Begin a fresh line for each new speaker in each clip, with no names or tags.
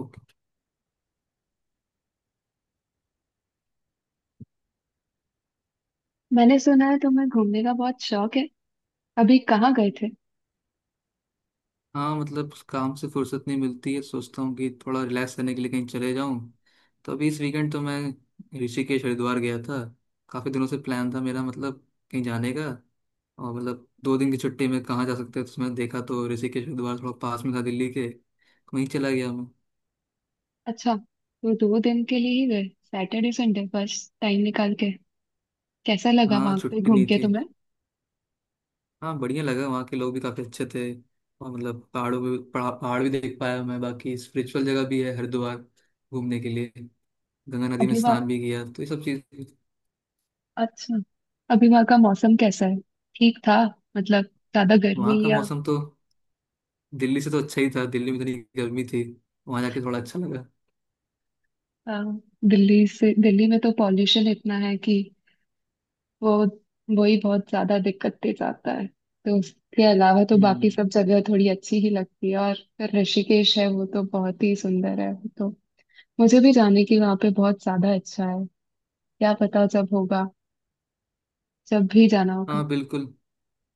Okay.
मैंने सुना है तुम्हें घूमने का बहुत शौक है। अभी कहाँ गए थे?
हाँ मतलब काम से फुर्सत नहीं मिलती है, सोचता हूँ कि थोड़ा रिलैक्स करने के लिए कहीं चले जाऊँ। तो अभी इस वीकेंड तो मैं ऋषिकेश हरिद्वार गया था। काफ़ी दिनों से प्लान था मेरा मतलब कहीं जाने का। और मतलब 2 दिन की छुट्टी में कहाँ जा सकते हैं, तो उसमें देखा तो ऋषिकेश हरिद्वार थोड़ा पास में था दिल्ली के, वहीं चला गया मैं।
अच्छा, तो 2 दिन के लिए ही गए? सैटरडे संडे, बस टाइम निकाल के? कैसा लगा
हाँ
वहां पे
छुट्टी
घूम
नहीं
के
थी।
तुम्हें?
हाँ बढ़िया लगा, वहाँ के लोग भी काफी अच्छे थे। और मतलब पहाड़ों में पहाड़ पहाड़ भी देख पाया मैं, बाकी स्पिरिचुअल जगह भी है हरिद्वार घूमने के लिए। गंगा नदी में
अभी वहाँ
स्नान भी किया, तो ये सब चीज।
अच्छा। अभी वहाँ का मौसम कैसा है? ठीक था? मतलब, ज्यादा
वहाँ
गर्मी
का
या?
मौसम तो दिल्ली से तो अच्छा ही था, दिल्ली में इतनी गर्मी थी, वहाँ जाके थोड़ा अच्छा लगा।
आ, दिल्ली में तो पॉल्यूशन इतना है कि वो, वही बहुत ज्यादा दिक्कत दे जाता है। तो उसके अलावा तो बाकी
हम्म।
सब जगह थोड़ी अच्छी ही लगती है, और फिर ऋषिकेश है वो, तो बहुत ही सुंदर है वो तो। मुझे भी जाने की वहां पे बहुत ज्यादा इच्छा है। क्या पता जब होगा, जब भी जाना होगा।
हाँ बिल्कुल।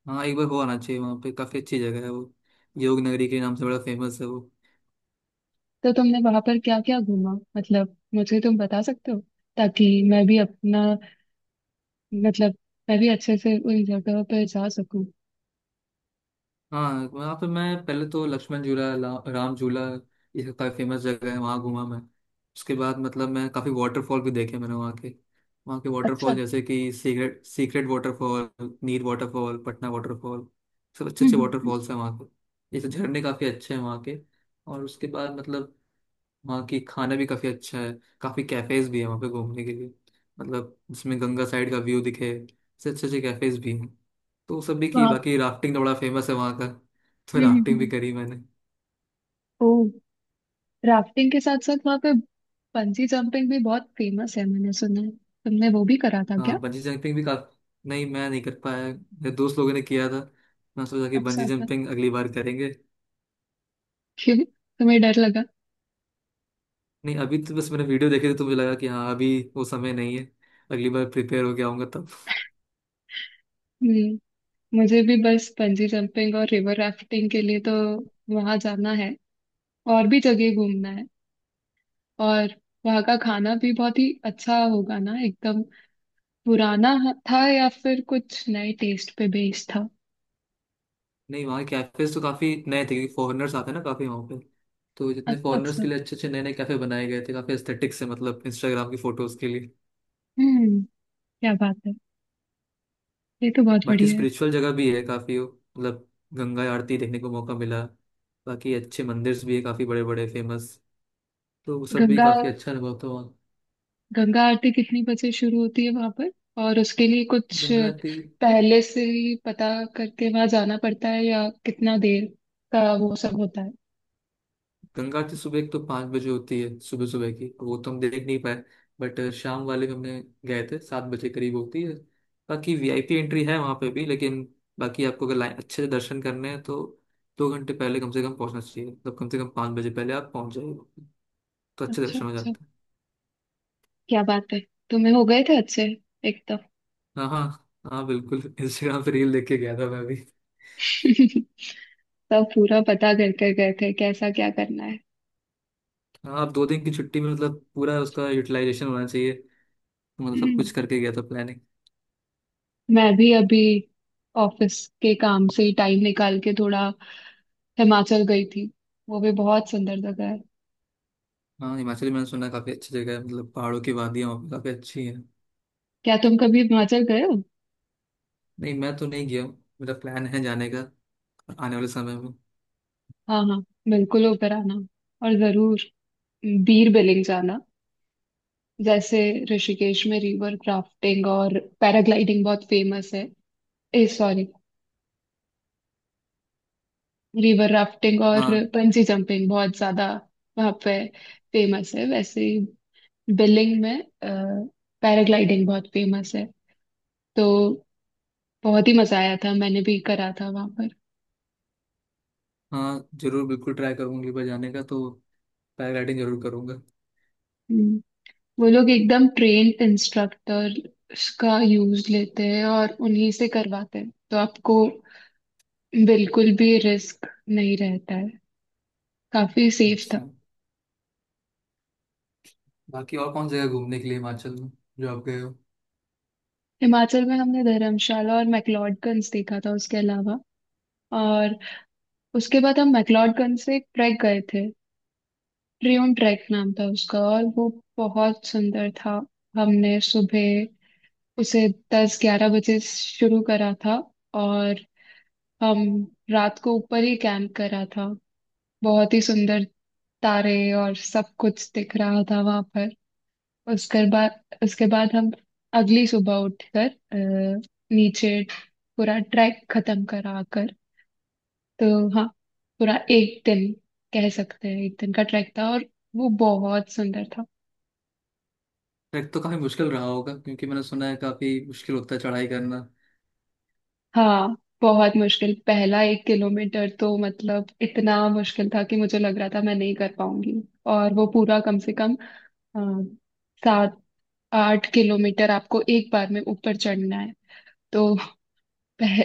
हाँ एक बार हो आना चाहिए वहाँ पे, काफी अच्छी जगह है वो, योग नगरी के नाम से बड़ा फेमस है वो।
तो तुमने वहां पर क्या क्या घूमा? मतलब मुझे तुम बता सकते हो, ताकि मैं भी अपना, मतलब, मैं भी अच्छे से उन जगह पर जा सकूं।
हाँ वहाँ पे मैं पहले तो लक्ष्मण झूला राम झूला, ये काफी फेमस जगह है, वहाँ घूमा मैं। उसके बाद मतलब मैं काफी वाटरफॉल भी देखे मैंने वहाँ के
अच्छा।
वाटरफॉल जैसे कि secret secret waterfall, Neer waterfall, Patna waterfall, सब अच्छे अच्छे
हम्म।
वाटरफॉल्स हैं वहाँ के, ये तो झरने काफी अच्छे हैं वहाँ के। और उसके बाद मतलब वहाँ की खाना भी काफी अच्छा है, काफी कैफेज भी है वहाँ पे घूमने के लिए, मतलब जिसमें गंगा साइड का व्यू दिखे, इससे अच्छे अच्छे कैफेज भी हैं, तो वो सब भी की।
वहाँ।
बाकी राफ्टिंग तो बड़ा फेमस है वहाँ का, तो
हम्म हम्म,
राफ्टिंग भी
हम्म।
करी मैंने।
ओ, राफ्टिंग के साथ साथ वहाँ पे बंजी जंपिंग भी बहुत फेमस है, मैंने सुना है। तुमने वो भी करा था क्या?
हाँ बंजी जंपिंग भी काफी नहीं, मैं नहीं कर पाया, मेरे दोस्त लोगों ने किया था। मैं सोचा कि
अच्छा
बंजी
अच्छा।
जंपिंग अगली बार करेंगे।
क्यों? तुम्हें डर लगा?
नहीं अभी तो बस मैंने वीडियो देखे थे, तो मुझे लगा कि हाँ अभी वो समय नहीं है, अगली बार प्रिपेयर होके आऊंगा तब।
हम्म। मुझे भी बस बंजी जंपिंग और रिवर राफ्टिंग के लिए तो वहां जाना है, और भी जगह घूमना है, और वहां का खाना भी बहुत ही अच्छा होगा ना, एकदम पुराना था, या फिर कुछ नए टेस्ट पे बेस्ड था?
नहीं वहाँ कैफेज तो काफी नए थे, क्योंकि फॉरेनर्स आते हैं ना काफी वहाँ पे, तो जितने
अच्छा
फॉरेनर्स
अच्छा।
के लिए अच्छे अच्छे नए नए कैफे बनाए गए थे काफी एस्थेटिक से, मतलब इंस्टाग्राम की फोटोज के लिए।
हम्म। क्या बात है! ये तो बहुत
बाकी
बढ़िया है।
स्पिरिचुअल जगह भी है काफी, मतलब गंगा आरती देखने को मौका मिला, बाकी अच्छे मंदिर्स भी है काफी बड़े बड़े फेमस, तो वो सब भी
गंगा
काफी अच्छा अनुभव था वहाँ।
गंगा आरती कितनी बजे शुरू होती है वहां पर? और उसके लिए कुछ
गंगा आरती,
पहले से ही पता करके वहां जाना पड़ता है, या कितना देर का वो सब होता है?
गंगा आरती सुबह एक तो 5 बजे होती है, सुबह सुबह की वो तो हम देख नहीं पाए, बट शाम वाले में हमने गए थे 7 बजे करीब होती है। बाकी वीआईपी एंट्री है वहाँ पे भी लेकिन, बाकी आपको अगर लाइन अच्छे से दर्शन करने हैं तो 2 घंटे पहले कम से कम पहुँचना चाहिए, मतलब कम से कम 5 बजे पहले आप पहुँच जाइए, तो अच्छे
अच्छा
दर्शन हो
अच्छा।
जाते हैं।
क्या बात है! तुम्हें हो गए थे अच्छे, एकदम।
हाँ हाँ हाँ बिल्कुल। इंस्टाग्राम पे रील देख के गया था मैं भी।
सब पूरा पता कर कर गए थे, कैसा क्या करना है।
हाँ आप 2 दिन की छुट्टी में मतलब पूरा उसका यूटिलाइजेशन होना चाहिए, तो मतलब सब कुछ
हम्म।
करके गया था प्लानिंग।
मैं भी अभी ऑफिस के काम से ही टाइम निकाल के थोड़ा हिमाचल गई थी। वो भी बहुत सुंदर जगह है।
हाँ हिमाचल मैंने सुना है काफी अच्छी जगह है, मतलब पहाड़ों की वादियाँ वहाँ पे काफी अच्छी है।
क्या तुम कभी हिमाचल गए हो?
नहीं मैं तो नहीं गया हूँ, मेरा प्लान है जाने का आने वाले समय में।
हाँ हाँ, बिल्कुल होकर आना, और जरूर बीर बिलिंग जाना। जैसे ऋषिकेश में रिवर क्राफ्टिंग और पैराग्लाइडिंग बहुत फेमस है, ए सॉरी, रिवर राफ्टिंग और
हाँ
बंजी जंपिंग बहुत ज्यादा वहाँ पे फेमस है, वैसे ही बिलिंग में पैराग्लाइडिंग बहुत फेमस है। तो बहुत ही मजा आया था, मैंने भी करा था वहाँ पर।
हाँ जरूर, बिल्कुल ट्राई करूंगी पर जाने का तो, पैराग्लाइडिंग जरूर करूंगा।
हम्म। वो लोग एकदम ट्रेन्ड इंस्ट्रक्टर का यूज लेते हैं और उन्हीं से करवाते हैं, तो आपको बिल्कुल भी रिस्क नहीं रहता है। काफी सेफ था।
अच्छा, बाकी और कौन सी जगह घूमने के लिए हिमाचल में जो आप गए हो।
हिमाचल में हमने धर्मशाला और मैक्लोडगंज देखा था उसके अलावा, और उसके बाद हम मैक्लोडगंज से एक ट्रैक गए थे। ट्रियोन ट्रैक नाम था उसका, और वो बहुत सुंदर था। हमने सुबह उसे 10-11 बजे शुरू करा था, और हम रात को ऊपर ही कैंप करा था। बहुत ही सुंदर, तारे और सब कुछ दिख रहा था वहां पर। उसके बाद हम अगली सुबह उठकर नीचे पूरा ट्रैक खत्म करा कर। तो हाँ, पूरा 1 दिन, कह सकते हैं 1 दिन का ट्रैक था, और वो बहुत सुंदर था।
ट्रैक तो काफी मुश्किल रहा होगा, क्योंकि मैंने सुना है काफी मुश्किल होता है चढ़ाई करना।
हाँ, बहुत मुश्किल। पहला 1 किलोमीटर तो मतलब इतना मुश्किल था कि मुझे लग रहा था मैं नहीं कर पाऊंगी, और वो पूरा कम से कम अ, 7-8 किलोमीटर आपको एक बार में ऊपर चढ़ना है। तो पह,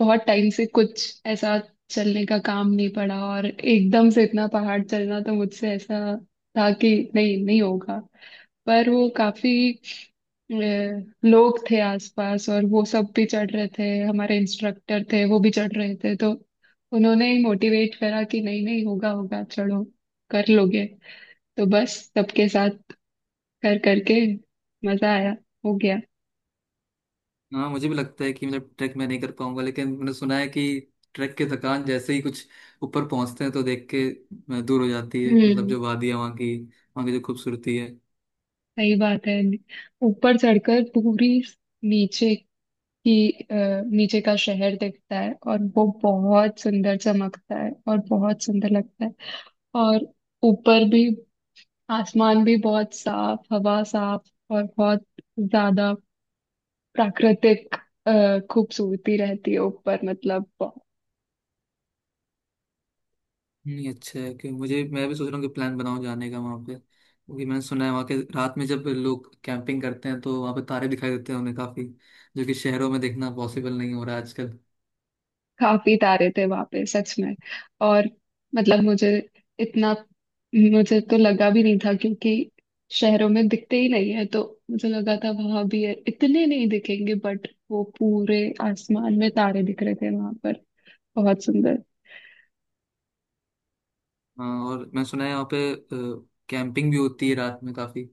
बहुत टाइम से कुछ ऐसा चलने का काम नहीं पड़ा, और एकदम से इतना पहाड़ चलना तो मुझसे ऐसा था कि नहीं नहीं होगा। पर वो काफी अ, लोग थे आसपास, और वो सब भी चढ़ रहे थे, हमारे इंस्ट्रक्टर थे, वो भी चढ़ रहे थे, तो उन्होंने ही मोटिवेट करा कि नहीं नहीं, होगा होगा, चढ़ो, कर लोगे। तो बस सबके साथ कर करके मजा आया, हो गया।
हाँ मुझे भी लगता है कि मतलब ट्रैक मैं नहीं कर पाऊंगा, लेकिन मैंने सुना है कि ट्रैक की थकान जैसे ही कुछ ऊपर पहुंचते हैं तो देख के दूर हो जाती है, मतलब
हम्म,
जो वादियाँ वहाँ की, वहाँ की जो खूबसूरती है।
सही बात है। ऊपर चढ़कर पूरी, नीचे की अ, नीचे का शहर दिखता है और वो बहुत सुंदर चमकता है और बहुत सुंदर लगता है। और ऊपर भी, आसमान भी बहुत साफ, हवा साफ, और बहुत ज्यादा प्राकृतिक खूबसूरती रहती है ऊपर, मतलब
नहीं अच्छा है कि मुझे, मैं भी सोच रहा हूँ कि प्लान बनाऊँ जाने का वहाँ पे, क्योंकि मैंने सुना है वहाँ के रात में जब लोग कैंपिंग करते हैं तो वहाँ पे तारे दिखाई देते हैं उन्हें काफ़ी, जो कि शहरों में देखना पॉसिबल नहीं हो रहा है आजकल।
काफी तारे थे वहां पे सच में। और मतलब मुझे इतना, मुझे तो लगा भी नहीं था, क्योंकि शहरों में दिखते ही नहीं है, तो मुझे लगा था वहां भी है, इतने नहीं दिखेंगे, बट वो पूरे आसमान में तारे दिख रहे थे वहां पर, बहुत सुंदर।
हाँ और मैंने सुना है वहाँ पे कैंपिंग भी होती है रात में काफ़ी।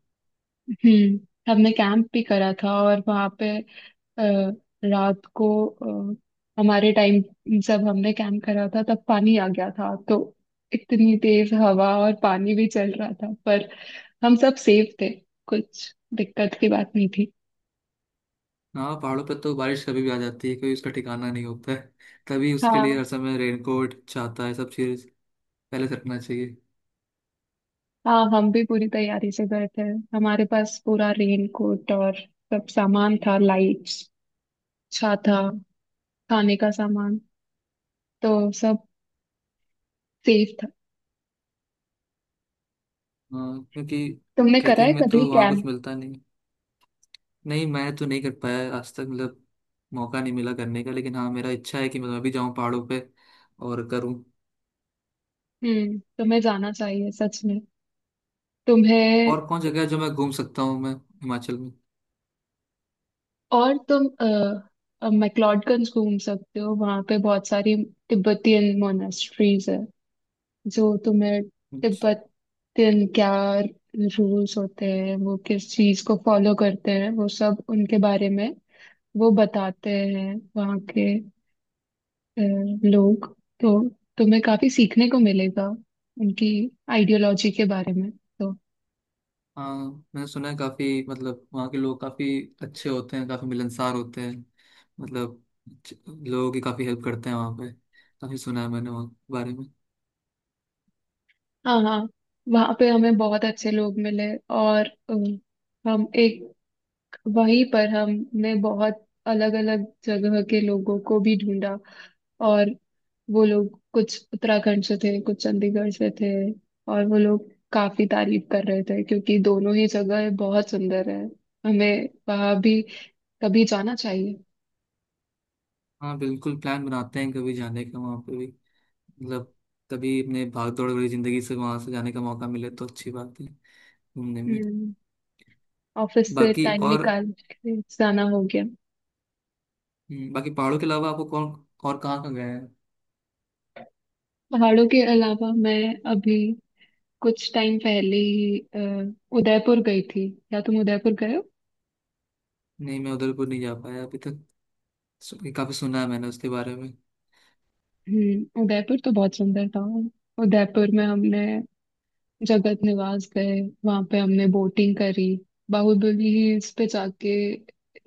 हम्म। हमने कैंप भी करा था और वहां पे अ, रात को, अ, हमारे टाइम, जब हमने कैंप करा था, तब पानी आ गया था, तो इतनी तेज हवा और पानी भी चल रहा था, पर हम सब सेफ थे, कुछ दिक्कत की बात नहीं थी।
हाँ पहाड़ों पर तो बारिश कभी भी आ जाती है, कोई उसका ठिकाना नहीं होता है, तभी उसके लिए
हाँ
हर समय रेनकोट छाता है सब चीज़ पहले से रखना चाहिए।
हाँ, हम भी पूरी तैयारी से गए थे, हमारे पास पूरा रेन कोट और सब सामान था, लाइट्स, छाता, खाने का सामान, तो सब सेफ था।
हाँ क्योंकि
तुमने करा है
ट्रैकिंग में
कभी
तो वहाँ
कैंप?
कुछ मिलता नहीं। नहीं मैं तो नहीं कर पाया है आज तक, मतलब मौका नहीं मिला करने का, लेकिन हाँ मेरा इच्छा है कि मैं भी जाऊँ पहाड़ों पे और करूँ।
हम्म, तुम्हें जाना चाहिए सच में, तुम्हें।
और कौन जगह है जो मैं घूम सकता हूँ मैं हिमाचल
और तुम मैक्लोडगंज घूम सकते हो, वहां पे बहुत सारी तिब्बतियन मोनास्ट्रीज है, जो तुम्हें
में।
तिब्बतियन क्या रूल्स होते हैं, वो किस चीज को फॉलो करते हैं, वो सब उनके बारे में वो बताते हैं, वहाँ के अ, लोग। तो तुम्हें काफी सीखने को मिलेगा उनकी आइडियोलॉजी के बारे में। तो
हाँ मैंने सुना है काफी, मतलब वहाँ के लोग काफी अच्छे होते हैं, काफी मिलनसार होते हैं, मतलब च- लोगों की काफी हेल्प करते हैं वहाँ पे, काफी सुना है मैंने वहाँ के बारे में।
हाँ हाँ, वहाँ पे हमें बहुत अच्छे लोग मिले, और हम एक, वहीं पर हमने बहुत अलग अलग जगह के लोगों को भी ढूंढा, और वो लोग कुछ उत्तराखंड से थे, कुछ चंडीगढ़ से थे, और वो लोग काफी तारीफ कर रहे थे, क्योंकि दोनों ही जगह बहुत सुंदर है, हमें वहां भी कभी जाना चाहिए।
हाँ बिल्कुल प्लान बनाते हैं कभी जाने का वहाँ पे भी, मतलब कभी अपने भाग दौड़ वाली जिंदगी से वहाँ से जाने का मौका मिले तो अच्छी बात है घूमने में।
हम्म, ऑफिस से
बाकी
टाइम
और
निकाल के जाना हो गया।
बाकी पहाड़ों के अलावा आपको कौन, और कहाँ कहाँ गए हैं।
पहाड़ों के अलावा मैं अभी कुछ टाइम पहले ही उदयपुर गई थी। क्या तुम उदयपुर गए हो?
नहीं मैं उदयपुर नहीं जा पाया अभी तक, काफी सुना है मैंने उसके बारे में।
हम्म, उदयपुर तो बहुत सुंदर था। उदयपुर में हमने जगत निवास गए, वहां पे हमने बोटिंग करी, बाहुबली हिल्स पे जाके,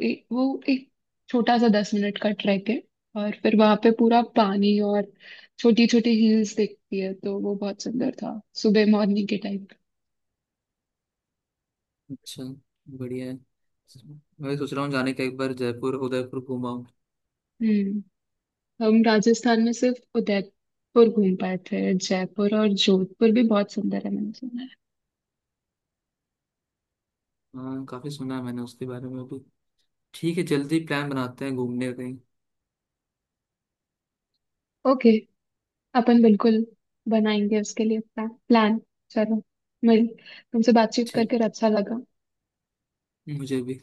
वो एक छोटा सा 10 मिनट का ट्रैक है, और फिर वहां पे पूरा पानी और छोटी छोटी हिल्स दिखती है, तो वो बहुत सुंदर था सुबह मॉर्निंग के टाइम।
अच्छा, बढ़िया है, मैं भी सोच रहा हूँ जाने का एक बार जयपुर उदयपुर घुमाऊँ।
हम्म, हम राजस्थान में सिर्फ उदयपुर घूम पाए थे, जयपुर और जोधपुर भी बहुत सुंदर है, मैंने सुना है।
हाँ काफी सुना है मैंने उसके बारे में भी। ठीक है जल्दी प्लान बनाते हैं घूमने का कहीं।
ओके, अपन बिल्कुल बनाएंगे उसके लिए प्लान प्लान। चलो, मिल, तुमसे बातचीत
ठीक,
करके अच्छा लगा।
मुझे भी।